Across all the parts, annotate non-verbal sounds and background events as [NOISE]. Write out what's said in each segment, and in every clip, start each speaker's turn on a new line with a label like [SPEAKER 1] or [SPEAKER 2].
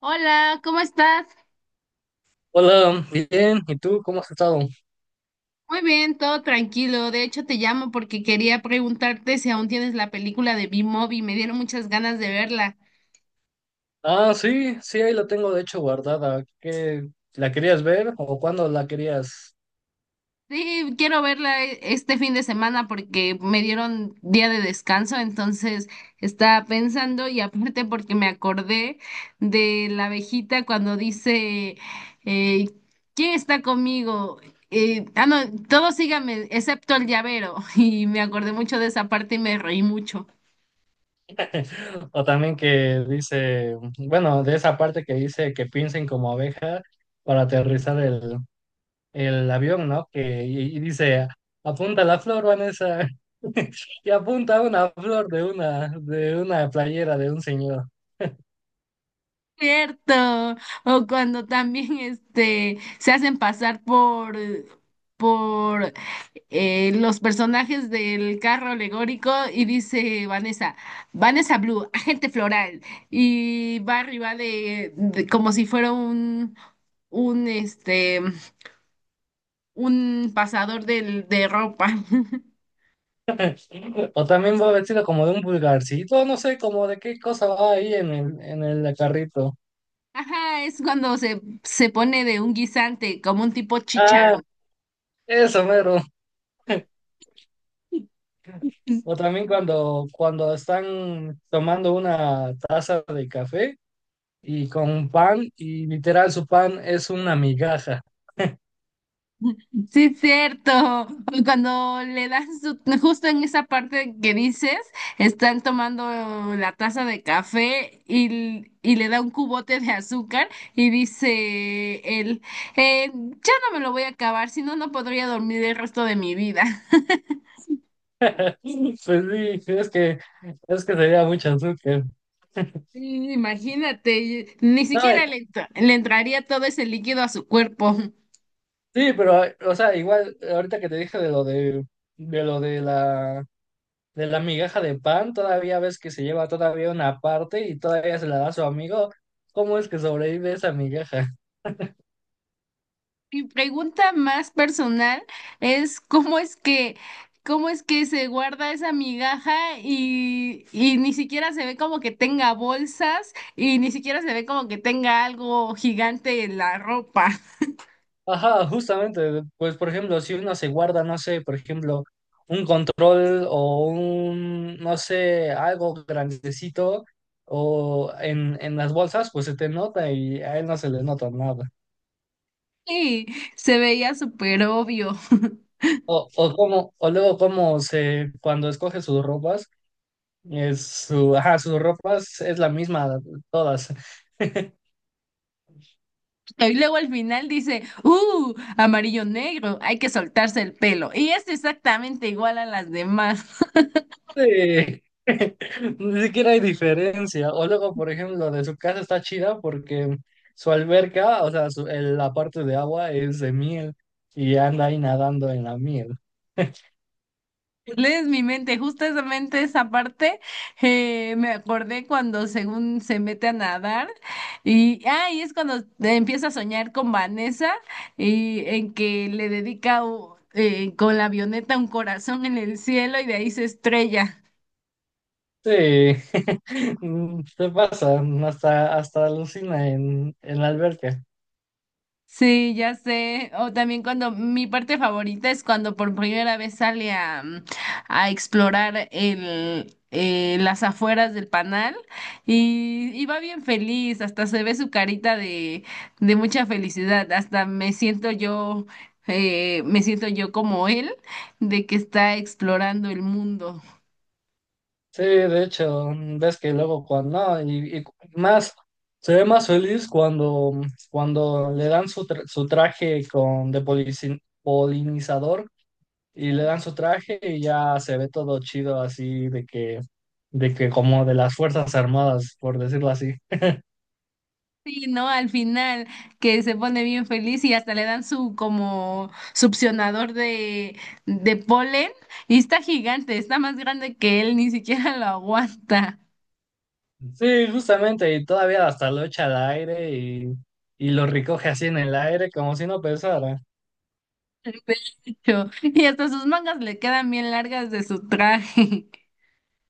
[SPEAKER 1] Hola, ¿cómo estás?
[SPEAKER 2] Hola, bien, ¿y tú cómo has estado?
[SPEAKER 1] Muy bien, todo tranquilo. De hecho, te llamo porque quería preguntarte si aún tienes la película de B-Movie. Me dieron muchas ganas de verla.
[SPEAKER 2] Ah, sí, sí, ahí la tengo de hecho guardada. ¿Qué, la querías ver o cuándo la querías?
[SPEAKER 1] Sí, quiero verla este fin de semana porque me dieron día de descanso, entonces estaba pensando y aparte porque me acordé de la abejita cuando dice, eh, ¿quién está conmigo? No, todos síganme, excepto el llavero. [LAUGHS] Y me acordé mucho de esa parte y me reí mucho.
[SPEAKER 2] [LAUGHS] O también que dice, bueno, de esa parte que dice que piensen como abeja para aterrizar el avión, ¿no? Que, y dice, apunta la flor, Vanessa, [LAUGHS] y apunta una flor de una playera de un señor.
[SPEAKER 1] Cierto, o cuando también este se hacen pasar por los personajes del carro alegórico y dice Vanessa, Vanessa Blue, agente floral, y va arriba como si fuera un un un pasador de ropa. [LAUGHS]
[SPEAKER 2] O también va vestido como de un vulgarcito, no sé, como de qué cosa va ahí en el carrito.
[SPEAKER 1] Ajá, es cuando se pone de un guisante, como un tipo
[SPEAKER 2] Ah,
[SPEAKER 1] chícharo.
[SPEAKER 2] eso, mero. O también cuando, cuando están tomando una taza de café y con un pan, y literal su pan es una migaja.
[SPEAKER 1] Sí, es cierto. Cuando le dan su, justo en esa parte que dices, están tomando la taza de café y le da un cubote de azúcar y dice él, ya no me lo voy a acabar, si no, no podría dormir el resto de mi vida." [LAUGHS]
[SPEAKER 2] [LAUGHS] Pues sí, es que sería mucho azúcar. [LAUGHS]
[SPEAKER 1] Y imagínate, ni
[SPEAKER 2] No,
[SPEAKER 1] siquiera
[SPEAKER 2] y-
[SPEAKER 1] le, le entraría todo ese líquido a su cuerpo.
[SPEAKER 2] sí, pero, o sea, igual, ahorita que te dije de lo de la migaja de pan, todavía ves que se lleva todavía una parte y todavía se la da a su amigo. ¿Cómo es que sobrevive esa migaja? [LAUGHS]
[SPEAKER 1] Mi pregunta más personal es cómo es que se guarda esa migaja y ni siquiera se ve como que tenga bolsas y ni siquiera se ve como que tenga algo gigante en la ropa. [LAUGHS]
[SPEAKER 2] Ajá, justamente, pues por ejemplo, si uno se guarda, no sé, por ejemplo, un control o un, no sé, algo grandecito o en las bolsas, pues se te nota y a él no se le nota nada.
[SPEAKER 1] Sí, se veía súper obvio. [LAUGHS]
[SPEAKER 2] O como, o luego cuando escoge sus ropas, es su, ajá, sus ropas es la misma todas. [LAUGHS]
[SPEAKER 1] Y luego al final dice, ¡uh! Amarillo negro, hay que soltarse el pelo. Y es exactamente igual a las demás.
[SPEAKER 2] Sí. [LAUGHS] Ni siquiera hay diferencia. O luego, por ejemplo, de su casa está chida porque su alberca, o sea, su- el- la parte de agua es de miel y anda ahí nadando en la miel.
[SPEAKER 1] Lees mi mente, justamente esa parte me acordé cuando según se mete a nadar y, ah, y es cuando te empieza a soñar con Vanessa y en que le dedica con la avioneta un corazón en el cielo y de ahí se estrella.
[SPEAKER 2] Sí, [LAUGHS] mm, se pasa, hasta, hasta alucina en la alberca.
[SPEAKER 1] Sí, ya sé. O también cuando mi parte favorita es cuando por primera vez sale a, a explorar el, las afueras del panal y va bien feliz, hasta se ve su carita de mucha felicidad, hasta me siento yo como él, de que está explorando el mundo.
[SPEAKER 2] Sí, de hecho, ves que luego cuando, no, y más, se ve más feliz cuando, cuando le dan su, tra- su traje con, de polici- polinizador y le dan su traje y ya se ve todo chido así de que como de las Fuerzas Armadas, por decirlo así.
[SPEAKER 1] Sí, ¿no? Al final, que se pone bien feliz y hasta le dan su como succionador de polen y está gigante, está más grande que él, ni siquiera lo aguanta.
[SPEAKER 2] Sí, justamente, y todavía hasta lo echa al aire y lo recoge así en el aire como si no pesara.
[SPEAKER 1] Pecho. Y hasta sus mangas le quedan bien largas de su traje. [LAUGHS]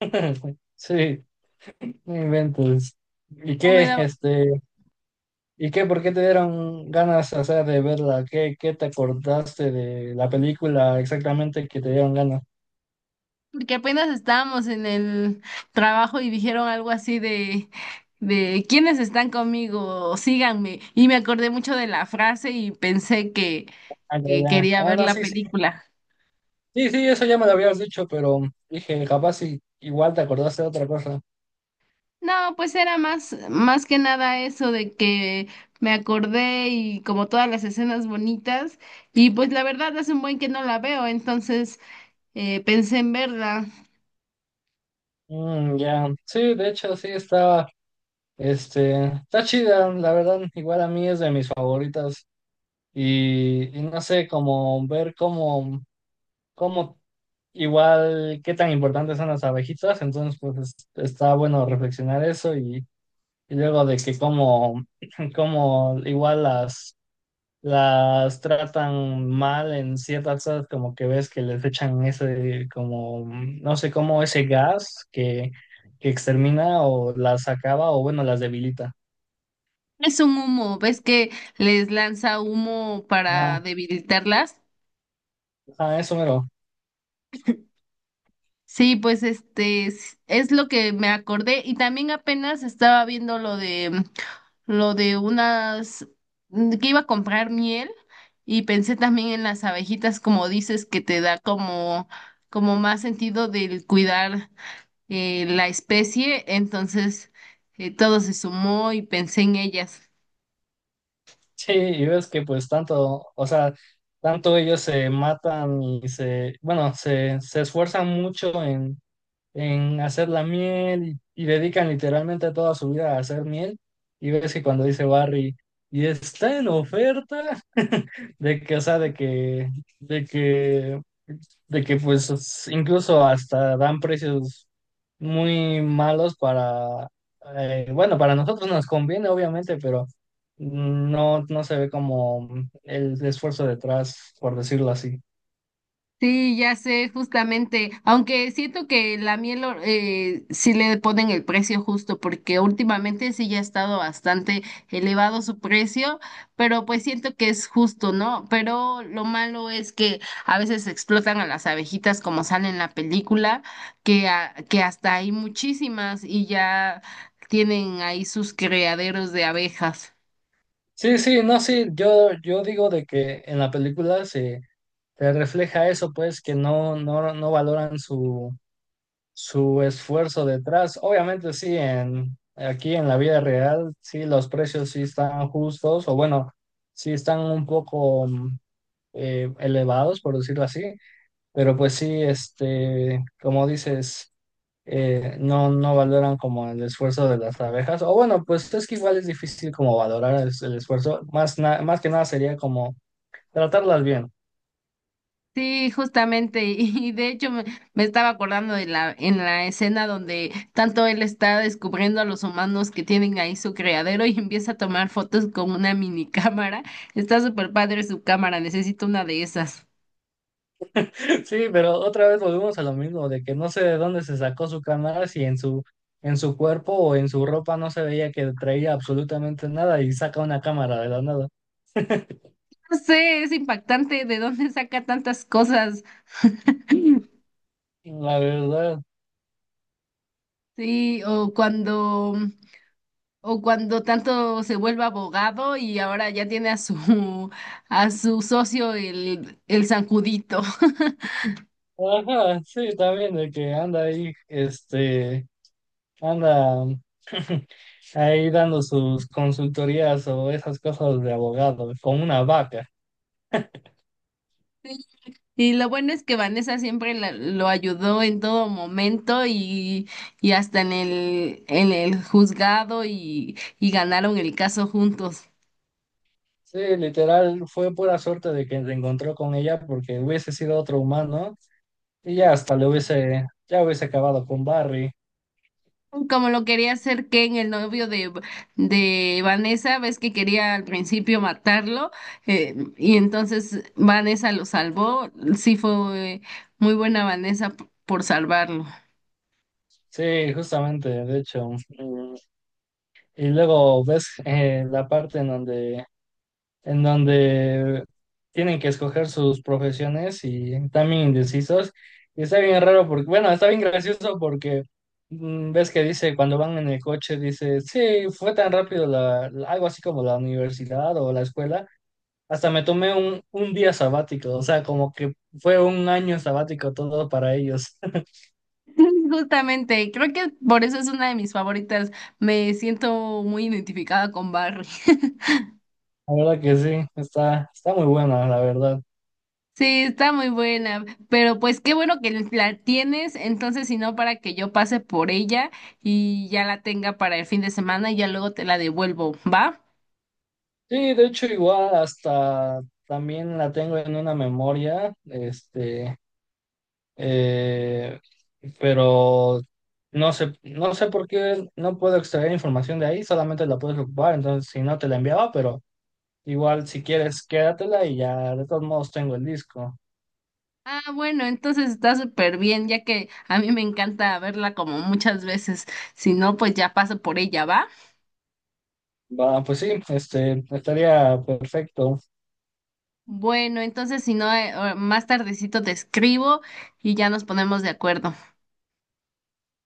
[SPEAKER 2] [LAUGHS] Sí, no inventes. ¿Y
[SPEAKER 1] No
[SPEAKER 2] qué,
[SPEAKER 1] me da-
[SPEAKER 2] este, y qué, por qué te dieron ganas, o sea, de verla? ¿Qué, qué te acordaste de la película exactamente que te dieron ganas?
[SPEAKER 1] Porque apenas estábamos en el trabajo y dijeron algo así de ¿quiénes están conmigo? Síganme. Y me acordé mucho de la frase y pensé
[SPEAKER 2] Ah, ya,
[SPEAKER 1] que
[SPEAKER 2] ya.
[SPEAKER 1] quería
[SPEAKER 2] Ah,
[SPEAKER 1] ver
[SPEAKER 2] no,
[SPEAKER 1] la
[SPEAKER 2] sí, sí,
[SPEAKER 1] película.
[SPEAKER 2] sí, sí, eso ya me lo habías dicho, pero dije, capaz y- igual te acordaste de otra cosa.
[SPEAKER 1] No, pues era más, más que nada eso de que me acordé y como todas las escenas bonitas, y pues la verdad hace un buen que no la veo, entonces pensé en verla.
[SPEAKER 2] Mm, ya, sí, de hecho, sí, está, este, está chida, la verdad, igual a mí es de mis favoritas. Y no sé, como ver cómo, cómo, igual, qué tan importantes son las abejitas, entonces, pues, es- está bueno reflexionar eso y luego de que cómo, [CLEARS THROAT] [LAUGHS] cómo igual las tratan mal en ciertas cosas, como que ves que les echan ese, como, no sé cómo, ese gas que extermina o las acaba o bueno, las debilita.
[SPEAKER 1] Es un humo, ¿ves que les lanza humo
[SPEAKER 2] Ah,
[SPEAKER 1] para debilitarlas?
[SPEAKER 2] ah, eso mero. [LAUGHS]
[SPEAKER 1] Sí, pues este es lo que me acordé y también apenas estaba viendo lo de lo de unas que iba a comprar miel y pensé también en las abejitas como dices que te da como como más sentido del cuidar la especie, entonces todo se sumó y pensé en ellas.
[SPEAKER 2] Sí, y ves que pues tanto, o sea, tanto ellos se matan y se, bueno, se esfuerzan mucho en hacer la miel y dedican literalmente toda su vida a hacer miel. Y ves que cuando dice Barry, y está en oferta, [LAUGHS] de que, o sea, de que, de que, de que pues es- incluso hasta dan precios muy malos para, bueno, para nosotros nos conviene, obviamente, pero no, no se ve como el esfuerzo detrás, por decirlo así.
[SPEAKER 1] Sí, ya sé, justamente, aunque siento que la miel sí le ponen el precio justo, porque últimamente sí ya ha estado bastante elevado su precio, pero pues siento que es justo, ¿no? Pero lo malo es que a veces explotan a las abejitas como sale en la película, que, que hasta hay muchísimas y ya tienen ahí sus criaderos de abejas.
[SPEAKER 2] Sí, sí, no, sí, yo digo de que en la película se te refleja eso, pues, que no, no valoran su, su esfuerzo detrás. Obviamente, sí, en, aquí en la vida real, sí, los precios sí están justos, o bueno, sí están un poco mm, elevados, por decirlo así, pero pues sí, este, como dices, no, no valoran como el esfuerzo de las abejas, o bueno, pues es que igual es difícil como valorar el esfuerzo, más, na- más que nada sería como tratarlas bien.
[SPEAKER 1] Sí, justamente, y de hecho me, me estaba acordando de la, en la escena donde tanto él está descubriendo a los humanos que tienen ahí su criadero y empieza a tomar fotos con una mini cámara. Está súper padre su cámara, necesito una de esas.
[SPEAKER 2] Sí, pero otra vez volvemos a lo mismo, de que no sé de dónde se sacó su cámara, si en su, en su cuerpo o en su ropa no se veía que traía absolutamente nada y saca una cámara de la nada.
[SPEAKER 1] No sé, es impactante de dónde saca tantas cosas. [LAUGHS]
[SPEAKER 2] La verdad.
[SPEAKER 1] Sí, o cuando tanto se vuelve abogado y ahora ya tiene a su socio el zancudito. [LAUGHS]
[SPEAKER 2] Ajá, sí, también de que anda ahí, este, anda [LAUGHS] ahí dando sus consultorías o esas cosas de abogado, con una vaca.
[SPEAKER 1] Y lo bueno es que Vanessa siempre lo ayudó en todo momento y hasta en el juzgado y ganaron el caso juntos.
[SPEAKER 2] Sí, literal, fue pura suerte de que se encontró con ella porque hubiese sido otro humano y ya hasta le hubiese, ya hubiese acabado con Barry.
[SPEAKER 1] Como lo quería hacer Ken, el novio de Vanessa, ves que quería al principio matarlo y entonces Vanessa lo salvó. Sí fue muy buena Vanessa por salvarlo.
[SPEAKER 2] Sí, justamente, de hecho. Mm, y luego ves, la parte en donde tienen que escoger sus profesiones y también indecisos. Y está bien raro porque, bueno, está bien gracioso porque mm, ves que dice, cuando van en el coche, dice, sí, fue tan rápido la, la- algo así como la universidad o la escuela. Hasta me tomé un día sabático, o sea, como que fue un año sabático todo para ellos.
[SPEAKER 1] [LAUGHS] Justamente, creo que por eso es una de mis favoritas. Me siento muy identificada con Barry. [LAUGHS]
[SPEAKER 2] La verdad que sí, está, está muy buena, la verdad.
[SPEAKER 1] Sí, está muy buena, pero pues qué bueno que la tienes, entonces si no para que yo pase por ella y ya la tenga para el fin de semana y ya luego te la devuelvo, ¿va?
[SPEAKER 2] Sí, de hecho, igual hasta también la tengo en una memoria, este, eh, pero no sé, no sé por qué no puedo extraer información de ahí, solamente la puedes ocupar, entonces si no te la enviaba, pero igual si quieres, quédatela y ya de todos modos tengo el disco.
[SPEAKER 1] Ah, bueno, entonces está súper bien, ya que a mí me encanta verla como muchas veces, si no pues ya paso por ella, ¿va?
[SPEAKER 2] Va, pues sí, este, estaría perfecto.
[SPEAKER 1] Bueno, entonces si no más tardecito te escribo y ya nos ponemos de acuerdo.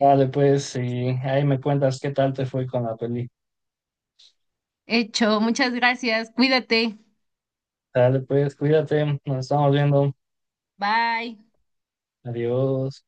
[SPEAKER 2] Vale, pues, y ahí me cuentas qué tal te fue con la peli.
[SPEAKER 1] Hecho, muchas gracias, cuídate,
[SPEAKER 2] Dale, pues, cuídate, nos estamos viendo.
[SPEAKER 1] bye.
[SPEAKER 2] Adiós.